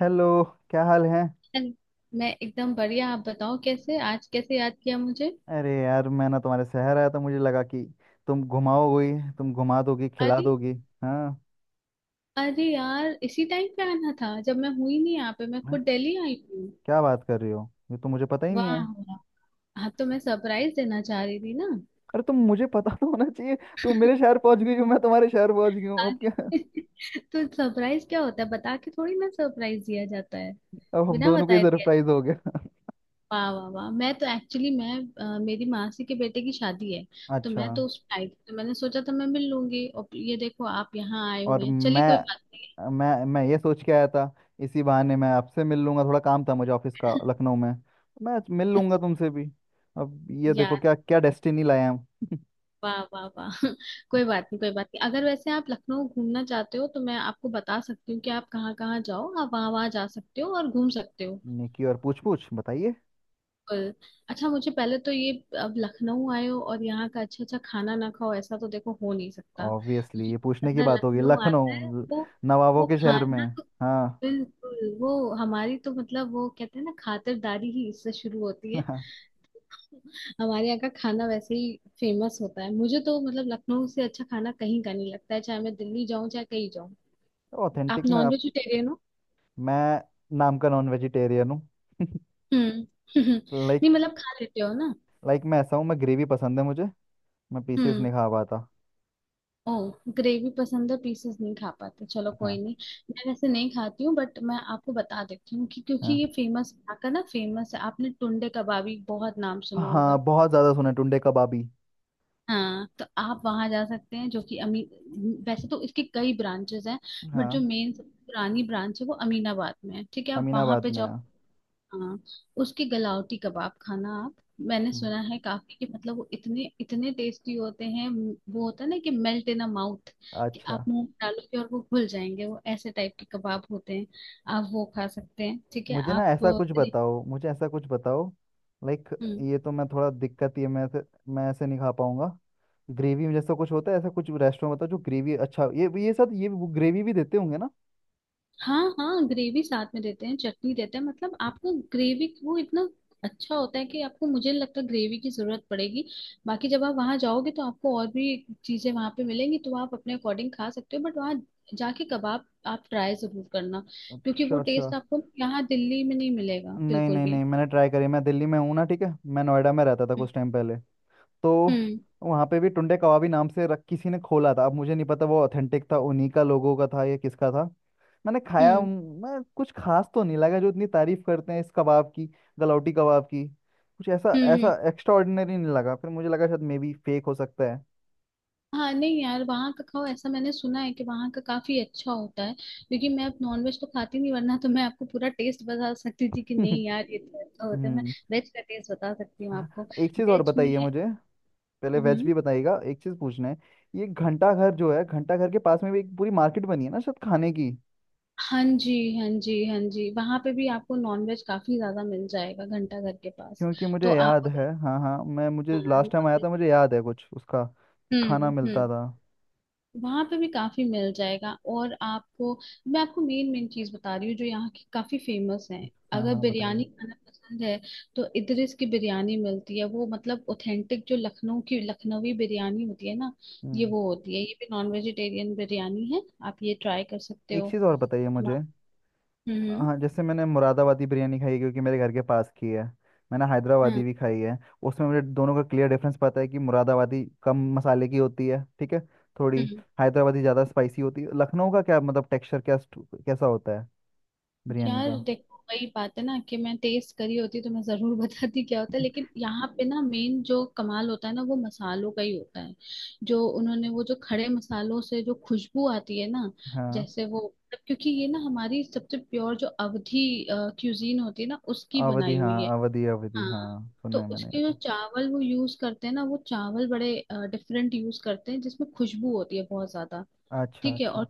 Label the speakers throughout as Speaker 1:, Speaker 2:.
Speaker 1: Hello. क्या हाल है?
Speaker 2: मैं एकदम बढ़िया। आप बताओ कैसे, आज कैसे याद किया मुझे?
Speaker 1: अरे यार मैं ना तुम्हारे शहर आया था, मुझे लगा कि तुम घुमाओगी, तुम घुमा दोगी, खिला
Speaker 2: अरे
Speaker 1: दोगी। हाँ।
Speaker 2: अरे यार इसी टाइम पे आना था, जब मैं हुई नहीं यहाँ पे, मैं खुद
Speaker 1: मैं-
Speaker 2: दिल्ली आई हूँ।
Speaker 1: क्या बात कर रही हो, ये तो मुझे पता ही नहीं
Speaker 2: वाह
Speaker 1: है।
Speaker 2: वाह। हाँ तो मैं सरप्राइज देना चाह रही थी ना।
Speaker 1: अरे तुम, मुझे पता तो होना चाहिए। तुम मेरे शहर पहुंच गई हो, मैं तुम्हारे शहर पहुंच गई हूँ, अब क्या?
Speaker 2: अरे, तो सरप्राइज क्या होता है, बता के थोड़ी ना सरप्राइज दिया जाता है।
Speaker 1: अब हम
Speaker 2: बिना
Speaker 1: दोनों को ही
Speaker 2: बताए दिया जाता
Speaker 1: सरप्राइज हो
Speaker 2: है।
Speaker 1: गया।
Speaker 2: वाह वाह वाह, मैं तो एक्चुअली मैं मेरी मासी के बेटे की शादी है। तो
Speaker 1: अच्छा।
Speaker 2: मैं तो उस आई थी, तो मैंने सोचा था मैं मिल लूंगी, और ये देखो आप यहाँ आए
Speaker 1: और
Speaker 2: हुए हैं। चलिए कोई बात नहीं।
Speaker 1: मैं ये सोच के आया था, इसी बहाने मैं आपसे मिल लूंगा। थोड़ा काम था मुझे ऑफिस का लखनऊ में, मैं मिल लूंगा
Speaker 2: अच्छा
Speaker 1: तुमसे भी। अब ये देखो
Speaker 2: यार,
Speaker 1: क्या क्या डेस्टिनी लाया हम।
Speaker 2: वाह वाह वाह। कोई बात नहीं, कोई बात नहीं। अगर वैसे आप लखनऊ घूमना चाहते हो तो मैं आपको बता सकती हूँ कि आप कहाँ कहाँ जाओ, आप वहाँ वहाँ जा सकते हो और घूम सकते हो।
Speaker 1: निकी, और पूछ पूछ बताइए।
Speaker 2: बिल्कुल। अच्छा, मुझे पहले तो ये, अब लखनऊ आए हो और यहाँ का अच्छा अच्छा खाना ना खाओ, ऐसा तो देखो हो नहीं सकता।
Speaker 1: ऑब्वियसली
Speaker 2: क्योंकि
Speaker 1: ये पूछने की
Speaker 2: बंदा
Speaker 1: बात होगी
Speaker 2: लखनऊ आता
Speaker 1: लखनऊ
Speaker 2: है वो
Speaker 1: नवाबों
Speaker 2: वो
Speaker 1: के शहर में।
Speaker 2: खाना तो
Speaker 1: हाँ।
Speaker 2: बिल्कुल वो, हमारी तो मतलब वो कहते हैं ना, खातिरदारी ही इससे शुरू होती है। हमारे यहाँ का खाना वैसे ही फेमस होता है, मुझे तो मतलब लखनऊ से अच्छा खाना कहीं का नहीं लगता है, चाहे मैं दिल्ली जाऊं चाहे कहीं जाऊं। आप
Speaker 1: ऑथेंटिक में
Speaker 2: नॉन
Speaker 1: आप।
Speaker 2: वेजिटेरियन हो?
Speaker 1: मैं नाम का नॉन वेजिटेरियन हूँ।
Speaker 2: हम्म।
Speaker 1: लाइक,
Speaker 2: नहीं मतलब खा लेते हो ना।
Speaker 1: मैं ऐसा हूँ, मैं ग्रेवी पसंद है मुझे, मैं पीसेस
Speaker 2: हम्म।
Speaker 1: नहीं खा पाता।
Speaker 2: ओह, ग्रेवी पसंद है, पीसेस नहीं खा पाते, चलो कोई
Speaker 1: हाँ।
Speaker 2: नहीं। मैं वैसे नहीं खाती हूँ, बट मैं आपको बता देती हूँ कि, क्योंकि
Speaker 1: हाँ,
Speaker 2: ये फेमस यहाँ का ना, फेमस है। आपने टुंडे कबाबी बहुत नाम सुना
Speaker 1: हाँ
Speaker 2: होगा।
Speaker 1: बहुत ज़्यादा सुना है टुंडे कबाबी।
Speaker 2: हाँ तो आप वहां जा सकते हैं जो कि अमी, वैसे तो इसके कई ब्रांचेस हैं, बट जो
Speaker 1: हाँ।
Speaker 2: मेन पुरानी ब्रांच है वो अमीनाबाद में है। ठीक है आप वहां
Speaker 1: अमीनाबाद
Speaker 2: पे
Speaker 1: में,
Speaker 2: जाओ।
Speaker 1: हाँ।
Speaker 2: हाँ। उसके गलावटी कबाब खाना आप। मैंने
Speaker 1: हम्म।
Speaker 2: सुना है काफी कि, मतलब वो इतने इतने टेस्टी होते हैं, वो होता है ना कि मेल्ट इन अ माउथ। कि
Speaker 1: अच्छा।
Speaker 2: आप मुंह में डालोगे और वो घुल जाएंगे, वो ऐसे टाइप के कबाब होते हैं। आप वो खा सकते हैं, ठीक है
Speaker 1: मुझे ना
Speaker 2: आप।
Speaker 1: ऐसा कुछ बताओ, मुझे ऐसा कुछ बताओ। लाइक,
Speaker 2: हम्म।
Speaker 1: ये तो मैं थोड़ा दिक्कत, ये मैं ऐसे, मैं ऐसे नहीं खा पाऊंगा। ग्रेवी जैसा कुछ होता है, ऐसा कुछ रेस्टोरेंट बताओ जो ग्रेवी, अच्छा ये साथ, ये वो ग्रेवी भी देते होंगे ना।
Speaker 2: हाँ हाँ, ग्रेवी साथ में देते हैं, चटनी देते हैं। मतलब आपको ग्रेवी वो इतना अच्छा होता है कि आपको, मुझे नहीं लगता ग्रेवी की जरूरत पड़ेगी। बाकी जब आप वहां जाओगे तो आपको और भी चीजें वहां पे मिलेंगी, तो आप अपने अकॉर्डिंग खा सकते हो, बट वहाँ जाके कबाब आप ट्राई जरूर करना। क्योंकि वो
Speaker 1: श्योर, श्योर।
Speaker 2: टेस्ट आपको यहाँ दिल्ली में नहीं मिलेगा,
Speaker 1: नहीं
Speaker 2: बिल्कुल
Speaker 1: नहीं
Speaker 2: भी।
Speaker 1: नहीं, मैंने ट्राई करी, मैं दिल्ली में हूँ ना, ठीक है। मैं नोएडा में रहता था कुछ टाइम पहले, तो
Speaker 2: हम्म।
Speaker 1: वहाँ पे भी टुंडे कबाबी नाम से रख किसी ने खोला था। अब मुझे नहीं पता वो ऑथेंटिक था उन्हीं का, लोगों का था या किसका था। मैंने खाया
Speaker 2: हम्म।
Speaker 1: हूँ, मैं कुछ खास तो नहीं लगा जो इतनी तारीफ करते हैं इस कबाब की, गलौटी कबाब की। कुछ ऐसा
Speaker 2: हम्म। हम्म।
Speaker 1: ऐसा एक्स्ट्रा ऑर्डिनरी नहीं लगा, फिर मुझे लगा शायद मे बी फेक हो सकता है।
Speaker 2: हाँ नहीं यार, वहाँ का खाओ, ऐसा मैंने सुना है कि वहाँ का काफी अच्छा होता है। क्योंकि मैं अब नॉनवेज तो खाती नहीं, वरना तो मैं आपको पूरा टेस्ट बता सकती थी कि नहीं यार ये तो अच्छा होता है। मैं
Speaker 1: हम्म।
Speaker 2: वेज का टेस्ट बता सकती हूँ
Speaker 1: हाँ।
Speaker 2: आपको।
Speaker 1: एक चीज़ और
Speaker 2: वेज में।
Speaker 1: बताइए मुझे। पहले वेज
Speaker 2: हम्म।
Speaker 1: भी बताइएगा, एक चीज़ पूछना है। ये घंटा घर जो है, घंटा घर के पास में भी एक पूरी मार्केट बनी है ना शायद खाने की।
Speaker 2: हाँ जी, हाँ जी हाँ जी, वहाँ पे भी आपको नॉनवेज काफी ज्यादा मिल जाएगा घंटा घर के पास।
Speaker 1: क्योंकि
Speaker 2: तो
Speaker 1: मुझे
Speaker 2: आप
Speaker 1: याद
Speaker 2: अगर,
Speaker 1: है, हाँ हाँ, मैं मुझे
Speaker 2: हाँ,
Speaker 1: लास्ट टाइम आया
Speaker 2: नॉनवेज।
Speaker 1: था, मुझे याद है कुछ उसका, कि खाना
Speaker 2: हम्म।
Speaker 1: मिलता
Speaker 2: हम्म।
Speaker 1: था।
Speaker 2: वहां पे भी काफी मिल जाएगा और आपको, मैं आपको मेन मेन चीज बता रही हूँ जो यहाँ की काफी फेमस है।
Speaker 1: हाँ
Speaker 2: अगर
Speaker 1: हाँ बताइए।
Speaker 2: बिरयानी खाना पसंद है, तो इधर की बिरयानी मिलती है वो, मतलब ऑथेंटिक जो लखनऊ की लखनवी बिरयानी होती है ना, ये
Speaker 1: हम्म।
Speaker 2: वो होती है। ये भी नॉन वेजिटेरियन बिरयानी है। आप ये ट्राई कर सकते
Speaker 1: एक
Speaker 2: हो।
Speaker 1: चीज़ और बताइए मुझे।
Speaker 2: हम्म। हम्म।
Speaker 1: हाँ, जैसे मैंने मुरादाबादी बिरयानी खाई है क्योंकि मेरे घर के पास की है, मैंने हैदराबादी
Speaker 2: हाँ।
Speaker 1: भी खाई है। उसमें मुझे दोनों का क्लियर डिफरेंस पता है कि मुरादाबादी कम मसाले की होती है, ठीक है, थोड़ी।
Speaker 2: हम्म।
Speaker 1: हैदराबादी ज़्यादा स्पाइसी होती है, लखनऊ का क्या मतलब टेक्सचर क्या, कैसा होता है बिरयानी
Speaker 2: यार
Speaker 1: का?
Speaker 2: देखो वही बात है ना, कि मैं टेस्ट करी होती तो मैं जरूर बताती क्या होता है। लेकिन यहाँ पे ना, मेन जो कमाल होता है ना वो मसालों का ही होता है। जो उन्होंने, वो जो खड़े मसालों से जो खुशबू आती है ना।
Speaker 1: हाँ।
Speaker 2: जैसे वो, मतलब क्योंकि ये ना हमारी सबसे प्योर जो अवधी क्यूजीन होती है ना, उसकी
Speaker 1: अवधी,
Speaker 2: बनाई
Speaker 1: हाँ
Speaker 2: हुई है।
Speaker 1: अवधी, अवधी हाँ,
Speaker 2: हाँ। तो
Speaker 1: सुना है मैंने ये
Speaker 2: उसके जो
Speaker 1: तो।
Speaker 2: चावल वो यूज करते हैं ना, वो चावल बड़े डिफरेंट यूज करते हैं, जिसमें खुशबू होती है बहुत ज्यादा।
Speaker 1: अच्छा
Speaker 2: ठीक है।
Speaker 1: अच्छा।
Speaker 2: और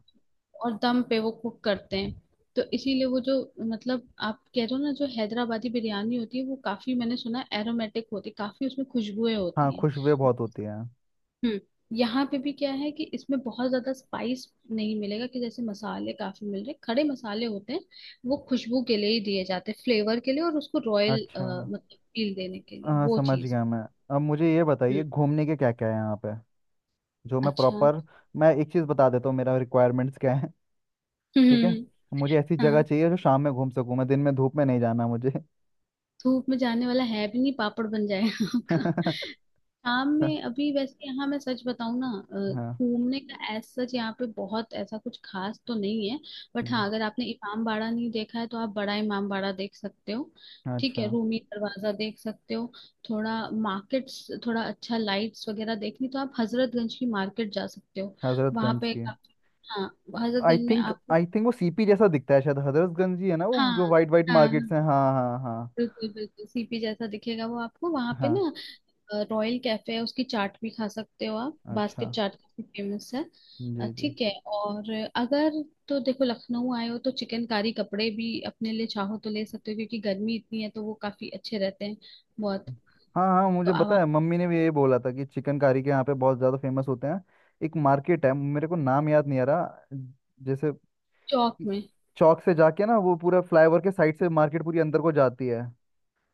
Speaker 2: और दम पे वो कुक करते हैं। तो इसीलिए वो जो, मतलब आप कह रहे हो ना जो हैदराबादी बिरयानी होती है वो काफी, मैंने सुना एरोमेटिक होती है काफी, उसमें खुशबुएं
Speaker 1: हाँ
Speaker 2: होती हैं।
Speaker 1: खुशबू बहुत होती है।
Speaker 2: हम्म। यहाँ पे भी क्या है कि इसमें बहुत ज्यादा स्पाइस नहीं मिलेगा, कि जैसे मसाले काफी मिल रहे, खड़े मसाले होते हैं। वो खुशबू के लिए ही दिए जाते हैं, फ्लेवर के लिए, और उसको रॉयल
Speaker 1: अच्छा।
Speaker 2: मतलब फील देने के लिए
Speaker 1: हाँ
Speaker 2: वो
Speaker 1: समझ
Speaker 2: चीज।
Speaker 1: गया मैं। अब मुझे ये बताइए,
Speaker 2: हम्म।
Speaker 1: घूमने के क्या क्या है यहाँ पे? जो मैं
Speaker 2: अच्छा।
Speaker 1: प्रॉपर, मैं एक चीज़ बता देता हूँ, मेरा रिक्वायरमेंट्स क्या है, ठीक है।
Speaker 2: हम्म।
Speaker 1: मुझे ऐसी जगह
Speaker 2: हाँ
Speaker 1: चाहिए जो शाम में घूम सकूँ मैं। दिन में धूप में नहीं जाना मुझे।
Speaker 2: धूप में जाने वाला है भी नहीं, पापड़ बन जाएगा आपका।
Speaker 1: हाँ।
Speaker 2: शाम में, अभी वैसे यहाँ मैं सच बताऊं ना, अ, घूमने का एज सच यहाँ पे बहुत ऐसा कुछ खास तो नहीं है। बट
Speaker 1: हम्म।
Speaker 2: हाँ, अगर आपने इमाम बाड़ा नहीं देखा है तो आप बड़ा इमाम बाड़ा देख सकते हो। ठीक
Speaker 1: अच्छा।
Speaker 2: है, रूमी दरवाजा देख सकते हो। थोड़ा मार्केट्स, थोड़ा अच्छा लाइट्स वगैरह देखनी तो आप हजरतगंज की मार्केट जा सकते हो। वहां
Speaker 1: हजरतगंज
Speaker 2: पे
Speaker 1: की।
Speaker 2: काफी। हाँ
Speaker 1: आई
Speaker 2: हजरतगंज में
Speaker 1: थिंक
Speaker 2: आपको।
Speaker 1: आई थिंक वो सीपी जैसा दिखता है, शायद हजरतगंज ही है ना वो,
Speaker 2: हाँ
Speaker 1: जो वाइट वाइट
Speaker 2: हाँ
Speaker 1: मार्केट्स
Speaker 2: हाँ,
Speaker 1: हैं। हाँ हाँ हाँ
Speaker 2: बिल्कुल बिल्कुल, सीपी जैसा दिखेगा वो आपको। वहां पे
Speaker 1: हाँ।
Speaker 2: ना, रॉयल कैफे है, उसकी चाट भी खा सकते हो आप,
Speaker 1: अच्छा।
Speaker 2: बास्केट चाट काफी फेमस है।
Speaker 1: जी जी।
Speaker 2: ठीक है। और अगर, तो देखो लखनऊ आए हो तो चिकनकारी कपड़े भी अपने लिए चाहो तो ले सकते हो, क्योंकि गर्मी इतनी है तो वो काफी अच्छे रहते हैं बहुत।
Speaker 1: हाँ हाँ
Speaker 2: तो
Speaker 1: मुझे पता
Speaker 2: आवाम,
Speaker 1: है, मम्मी ने भी यही बोला था कि चिकनकारी के यहाँ पे बहुत ज़्यादा फेमस होते हैं। एक मार्केट है, मेरे को नाम याद नहीं आ रहा, जैसे
Speaker 2: चौक में,
Speaker 1: चौक से जाके ना, वो पूरा फ्लाईओवर के साइड से मार्केट पूरी अंदर को जाती है,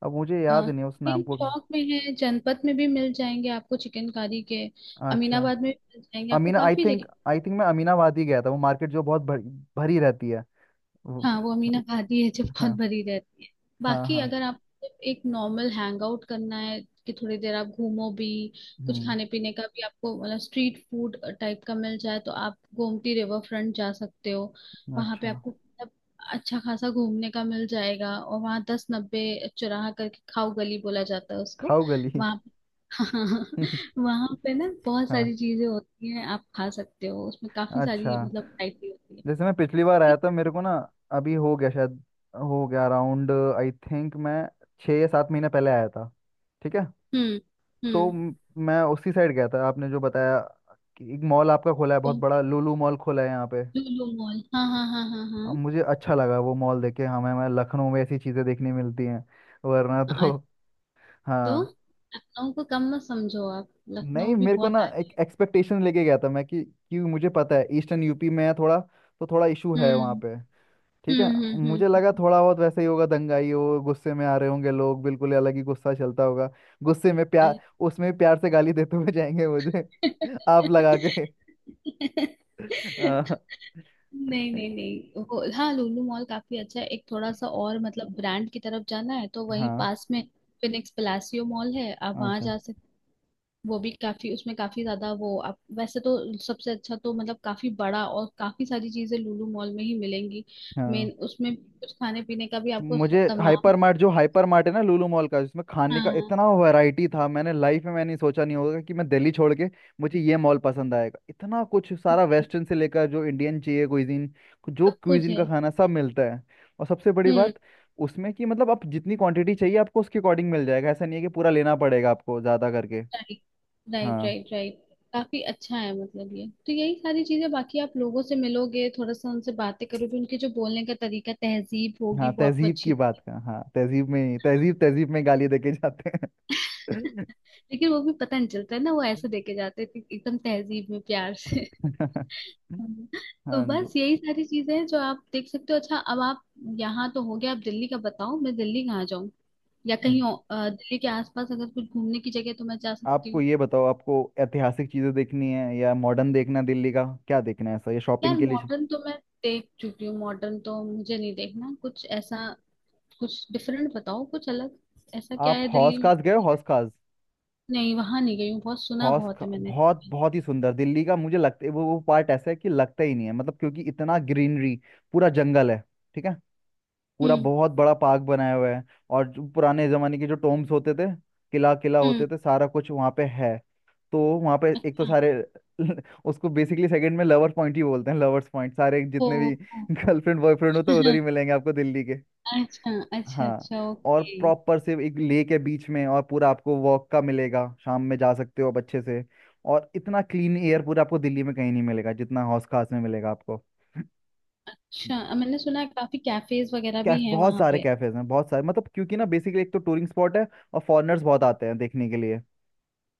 Speaker 1: अब मुझे
Speaker 2: अ,
Speaker 1: याद नहीं है उस
Speaker 2: नहीं,
Speaker 1: नाम को।
Speaker 2: चौक में है, जनपथ में भी मिल जाएंगे आपको चिकनकारी के।
Speaker 1: अच्छा।
Speaker 2: अमीनाबाद में भी मिल जाएंगे आपको,
Speaker 1: अमीना, आई
Speaker 2: काफी
Speaker 1: थिंक
Speaker 2: जगह।
Speaker 1: आई थिंक मैं अमीनाबाद ही गया था, वो मार्केट जो बहुत भरी, भरी रहती है वो-
Speaker 2: हाँ वो अमीना खाती है, जो बहुत
Speaker 1: हाँ
Speaker 2: भरी रहती है।
Speaker 1: हाँ
Speaker 2: बाकी
Speaker 1: हाँ।
Speaker 2: अगर आप एक नॉर्मल हैंग आउट करना है, कि थोड़ी देर आप घूमो भी, कुछ
Speaker 1: हम्म।
Speaker 2: खाने पीने का भी आपको मतलब स्ट्रीट फूड टाइप का मिल जाए, तो आप गोमती रिवर फ्रंट जा सकते हो। वहां पे
Speaker 1: अच्छा।
Speaker 2: आपको मतलब अच्छा खासा घूमने का मिल जाएगा। और वहाँ 1090 चौराहा करके खाऊ गली बोला जाता है उसको।
Speaker 1: खाओ गली।
Speaker 2: वहां वहां पे ना बहुत
Speaker 1: हाँ।
Speaker 2: सारी चीजें होती हैं, आप खा सकते हो, उसमें काफी
Speaker 1: अच्छा।
Speaker 2: सारी मतलब वैरायटी होती है।
Speaker 1: जैसे मैं पिछली बार आया था मेरे को ना, अभी हो गया शायद, हो गया अराउंड, आई थिंक मैं 6 या 7 महीने पहले आया था, ठीक है।
Speaker 2: हम्म।
Speaker 1: तो
Speaker 2: हम्म।
Speaker 1: मैं उसी साइड गया था आपने जो बताया, कि एक मॉल आपका खोला है बहुत
Speaker 2: को,
Speaker 1: बड़ा, लुलु मॉल खोला है यहाँ पे।
Speaker 2: लुलु मॉल, हाँ हाँ हाँ हाँ हाँ।
Speaker 1: अब मुझे अच्छा लगा वो मॉल देख के, हमें हमें लखनऊ में ऐसी चीज़ें देखने मिलती हैं, वरना तो।
Speaker 2: आज तो,
Speaker 1: हाँ।
Speaker 2: लखनऊ को कम मत समझो आप,
Speaker 1: नहीं
Speaker 2: लखनऊ भी
Speaker 1: मेरे को
Speaker 2: बहुत
Speaker 1: ना
Speaker 2: आगे
Speaker 1: एक
Speaker 2: है।
Speaker 1: एक्सपेक्टेशन लेके गया था मैं कि मुझे पता है ईस्टर्न यूपी में है थोड़ा, तो थोड़ा इशू है वहाँ
Speaker 2: हम्म।
Speaker 1: पे, ठीक
Speaker 2: हम्म।
Speaker 1: है।
Speaker 2: हम्म।
Speaker 1: मुझे लगा थोड़ा बहुत वैसे ही होगा, दंगाई हो, गुस्से में आ रहे होंगे लोग, बिल्कुल ही अलग ही गुस्सा चलता होगा, गुस्से में प्यार,
Speaker 2: अरे।
Speaker 1: उसमें भी प्यार से गाली देते हुए जाएंगे मुझे। आप लगा के। हाँ।
Speaker 2: नहीं नहीं नहीं, वो हाँ लुलु मॉल काफी अच्छा है। एक थोड़ा सा और मतलब ब्रांड की तरफ जाना है तो वहीं
Speaker 1: हाँ,
Speaker 2: पास में फिनिक्स पलासियो मॉल है, आप वहां
Speaker 1: अच्छा।
Speaker 2: जा। वो भी काफी, उसमें काफी ज्यादा वो, आप वैसे तो सबसे अच्छा तो मतलब, काफी बड़ा और काफी सारी चीजें लुलु मॉल में ही मिलेंगी।
Speaker 1: हाँ।
Speaker 2: मेन उसमें कुछ खाने पीने का भी आपको
Speaker 1: मुझे
Speaker 2: तमाम।
Speaker 1: हाइपर मार्ट, जो हाइपर मार्ट है ना लुलु मॉल का, इसमें खाने का
Speaker 2: हाँ
Speaker 1: इतना वैरायटी था, मैंने लाइफ में मैंने सोचा नहीं होगा कि मैं दिल्ली छोड़ के मुझे ये मॉल पसंद आएगा। इतना कुछ सारा,
Speaker 2: जी,
Speaker 1: वेस्टर्न से लेकर जो इंडियन चाहिए क्विजीन, जो
Speaker 2: सब कुछ
Speaker 1: क्विजीन
Speaker 2: है।
Speaker 1: का खाना सब मिलता है। और सबसे बड़ी
Speaker 2: हम्म।
Speaker 1: बात उसमें कि मतलब आप जितनी क्वांटिटी चाहिए आपको, उसके अकॉर्डिंग मिल जाएगा। ऐसा नहीं है कि पूरा लेना पड़ेगा आपको ज़्यादा करके।
Speaker 2: राइट, राइट
Speaker 1: हाँ।
Speaker 2: Right right. काफी अच्छा है, मतलब ये तो यही सारी चीजें। बाकी आप लोगों से मिलोगे, थोड़ा सा उनसे बातें करोगे, उनके जो बोलने का तरीका, तहजीब होगी,
Speaker 1: हाँ
Speaker 2: वो आपको
Speaker 1: तहजीब
Speaker 2: अच्छी
Speaker 1: की बात
Speaker 2: लगेगी।
Speaker 1: का, हाँ तहजीब में, तहजीब, तहजीब में गाली देके जाते हैं।
Speaker 2: लेकिन वो भी पता नहीं चलता है ना, वो ऐसे देके जाते हैं कि एकदम तहजीब में, प्यार से। हाँ। तो
Speaker 1: हाँ जी।
Speaker 2: बस यही सारी चीजें हैं जो आप देख सकते हो। अच्छा अब आप, यहाँ तो हो गया, आप दिल्ली का बताओ मैं दिल्ली कहाँ जाऊँ, या
Speaker 1: हम्म।
Speaker 2: कहीं और, दिल्ली के आसपास अगर कुछ घूमने की जगह है, तो मैं जा सकती
Speaker 1: आपको
Speaker 2: हूँ।
Speaker 1: ये बताओ, आपको ऐतिहासिक चीजें देखनी है या मॉडर्न देखना है? दिल्ली का क्या देखना है ऐसा, ये
Speaker 2: यार
Speaker 1: शॉपिंग के लिए
Speaker 2: मॉडर्न तो मैं देख चुकी हूँ, मॉडर्न तो मुझे नहीं देखना, कुछ ऐसा कुछ डिफरेंट बताओ, कुछ अलग। ऐसा क्या
Speaker 1: आप
Speaker 2: है दिल्ली
Speaker 1: हौस खास गए
Speaker 2: में?
Speaker 1: हो, हौस खास।
Speaker 2: नहीं वहां नहीं गई हूँ, बहुत सुना बहुत है मैंने।
Speaker 1: बहुत बहुत ही सुंदर दिल्ली का, मुझे लगता है वो पार्ट ऐसा है कि लगता ही नहीं है मतलब, क्योंकि इतना ग्रीनरी, पूरा जंगल है, ठीक है। पूरा
Speaker 2: हम्म।
Speaker 1: बहुत बड़ा पार्क बनाया हुआ है, और जो पुराने जमाने के जो टोम्स होते थे, किला किला
Speaker 2: हम्म।
Speaker 1: होते थे, सारा कुछ वहाँ पे है। तो वहाँ पे एक तो
Speaker 2: हाँ,
Speaker 1: सारे, उसको बेसिकली सेकंड में लवर्स पॉइंट ही बोलते हैं। लवर्स पॉइंट, सारे
Speaker 2: ओ,
Speaker 1: जितने भी
Speaker 2: ओ।
Speaker 1: गर्लफ्रेंड बॉयफ्रेंड होते हैं उधर ही मिलेंगे आपको दिल्ली के।
Speaker 2: अच्छा, अच्छा
Speaker 1: हाँ।
Speaker 2: अच्छा
Speaker 1: और
Speaker 2: ओके।
Speaker 1: प्रॉपर से एक लेक है बीच में, और पूरा आपको वॉक का मिलेगा, शाम में जा सकते हो आप अच्छे से। और इतना क्लीन एयर पूरा आपको दिल्ली में कहीं नहीं मिलेगा जितना हौस खास में मिलेगा आपको।
Speaker 2: अच्छा, मैंने सुना है काफी कैफेज वगैरह भी
Speaker 1: कैफ,
Speaker 2: हैं
Speaker 1: बहुत
Speaker 2: वहां
Speaker 1: सारे
Speaker 2: पे।
Speaker 1: कैफेज हैं, बहुत सारे, मतलब क्योंकि ना बेसिकली एक तो टूरिंग स्पॉट है और फॉरेनर्स बहुत आते हैं देखने के लिए।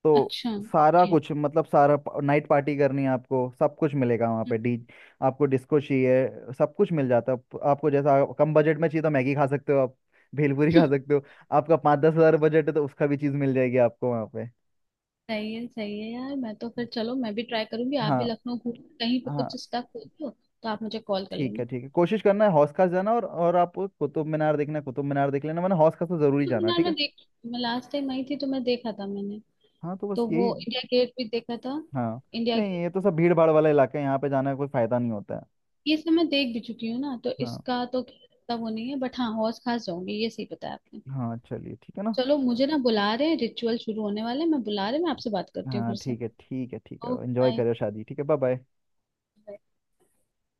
Speaker 1: तो
Speaker 2: अच्छा
Speaker 1: सारा
Speaker 2: ओके।
Speaker 1: कुछ मतलब सारा, नाइट पार्टी करनी है आपको, सब कुछ मिलेगा वहाँ पे। डी, आपको डिस्को चाहिए, सब कुछ मिल जाता है। आप- आपको जैसा कम बजट में चाहिए तो मैगी खा सकते हो आप, भेलपूरी खा सकते हो। आपका 5-10 हज़ार बजट है तो उसका भी चीज़ मिल जाएगी आपको वहाँ पे।
Speaker 2: सही है सही है। यार मैं तो फिर, चलो मैं भी ट्राई करूंगी, आप भी
Speaker 1: हाँ।
Speaker 2: लखनऊ घूम, कहीं पे
Speaker 1: हाँ
Speaker 2: कुछ स्टक हो तो आप मुझे कॉल कर
Speaker 1: ठीक है
Speaker 2: लेना।
Speaker 1: ठीक है। कोशिश करना है हौस खास जाना, और आप कुतुब मीनार देखना, कुतुब मीनार देख लेना, मैंने हौस खास तो जरूरी
Speaker 2: तो
Speaker 1: जाना।
Speaker 2: मीनार
Speaker 1: ठीक है।
Speaker 2: में देख, मैं लास्ट टाइम आई थी तो मैं देखा था मैंने।
Speaker 1: हाँ तो बस
Speaker 2: तो
Speaker 1: यही।
Speaker 2: वो इंडिया गेट भी देखा था,
Speaker 1: हाँ
Speaker 2: इंडिया
Speaker 1: नहीं
Speaker 2: गेट।
Speaker 1: ये तो सब भीड़ भाड़ वाला इलाका है, यहाँ पे जाने का कोई फायदा नहीं होता है।
Speaker 2: ये सब मैं देख भी चुकी हूँ ना, तो
Speaker 1: हाँ।
Speaker 2: इसका तो इतना वो नहीं है, बट हाँ हौस खास जाऊंगी, ये सही बताया आपने।
Speaker 1: हाँ चलिए, ठीक है ना।
Speaker 2: चलो मुझे ना बुला रहे हैं, रिचुअल शुरू होने वाले हैं, मैं बुला रहे हैं, मैं आपसे बात करती हूँ
Speaker 1: हाँ
Speaker 2: फिर से।
Speaker 1: ठीक है, ठीक है, ठीक है।
Speaker 2: Okay
Speaker 1: enjoy
Speaker 2: bye.
Speaker 1: करो शादी, ठीक है। Bye bye.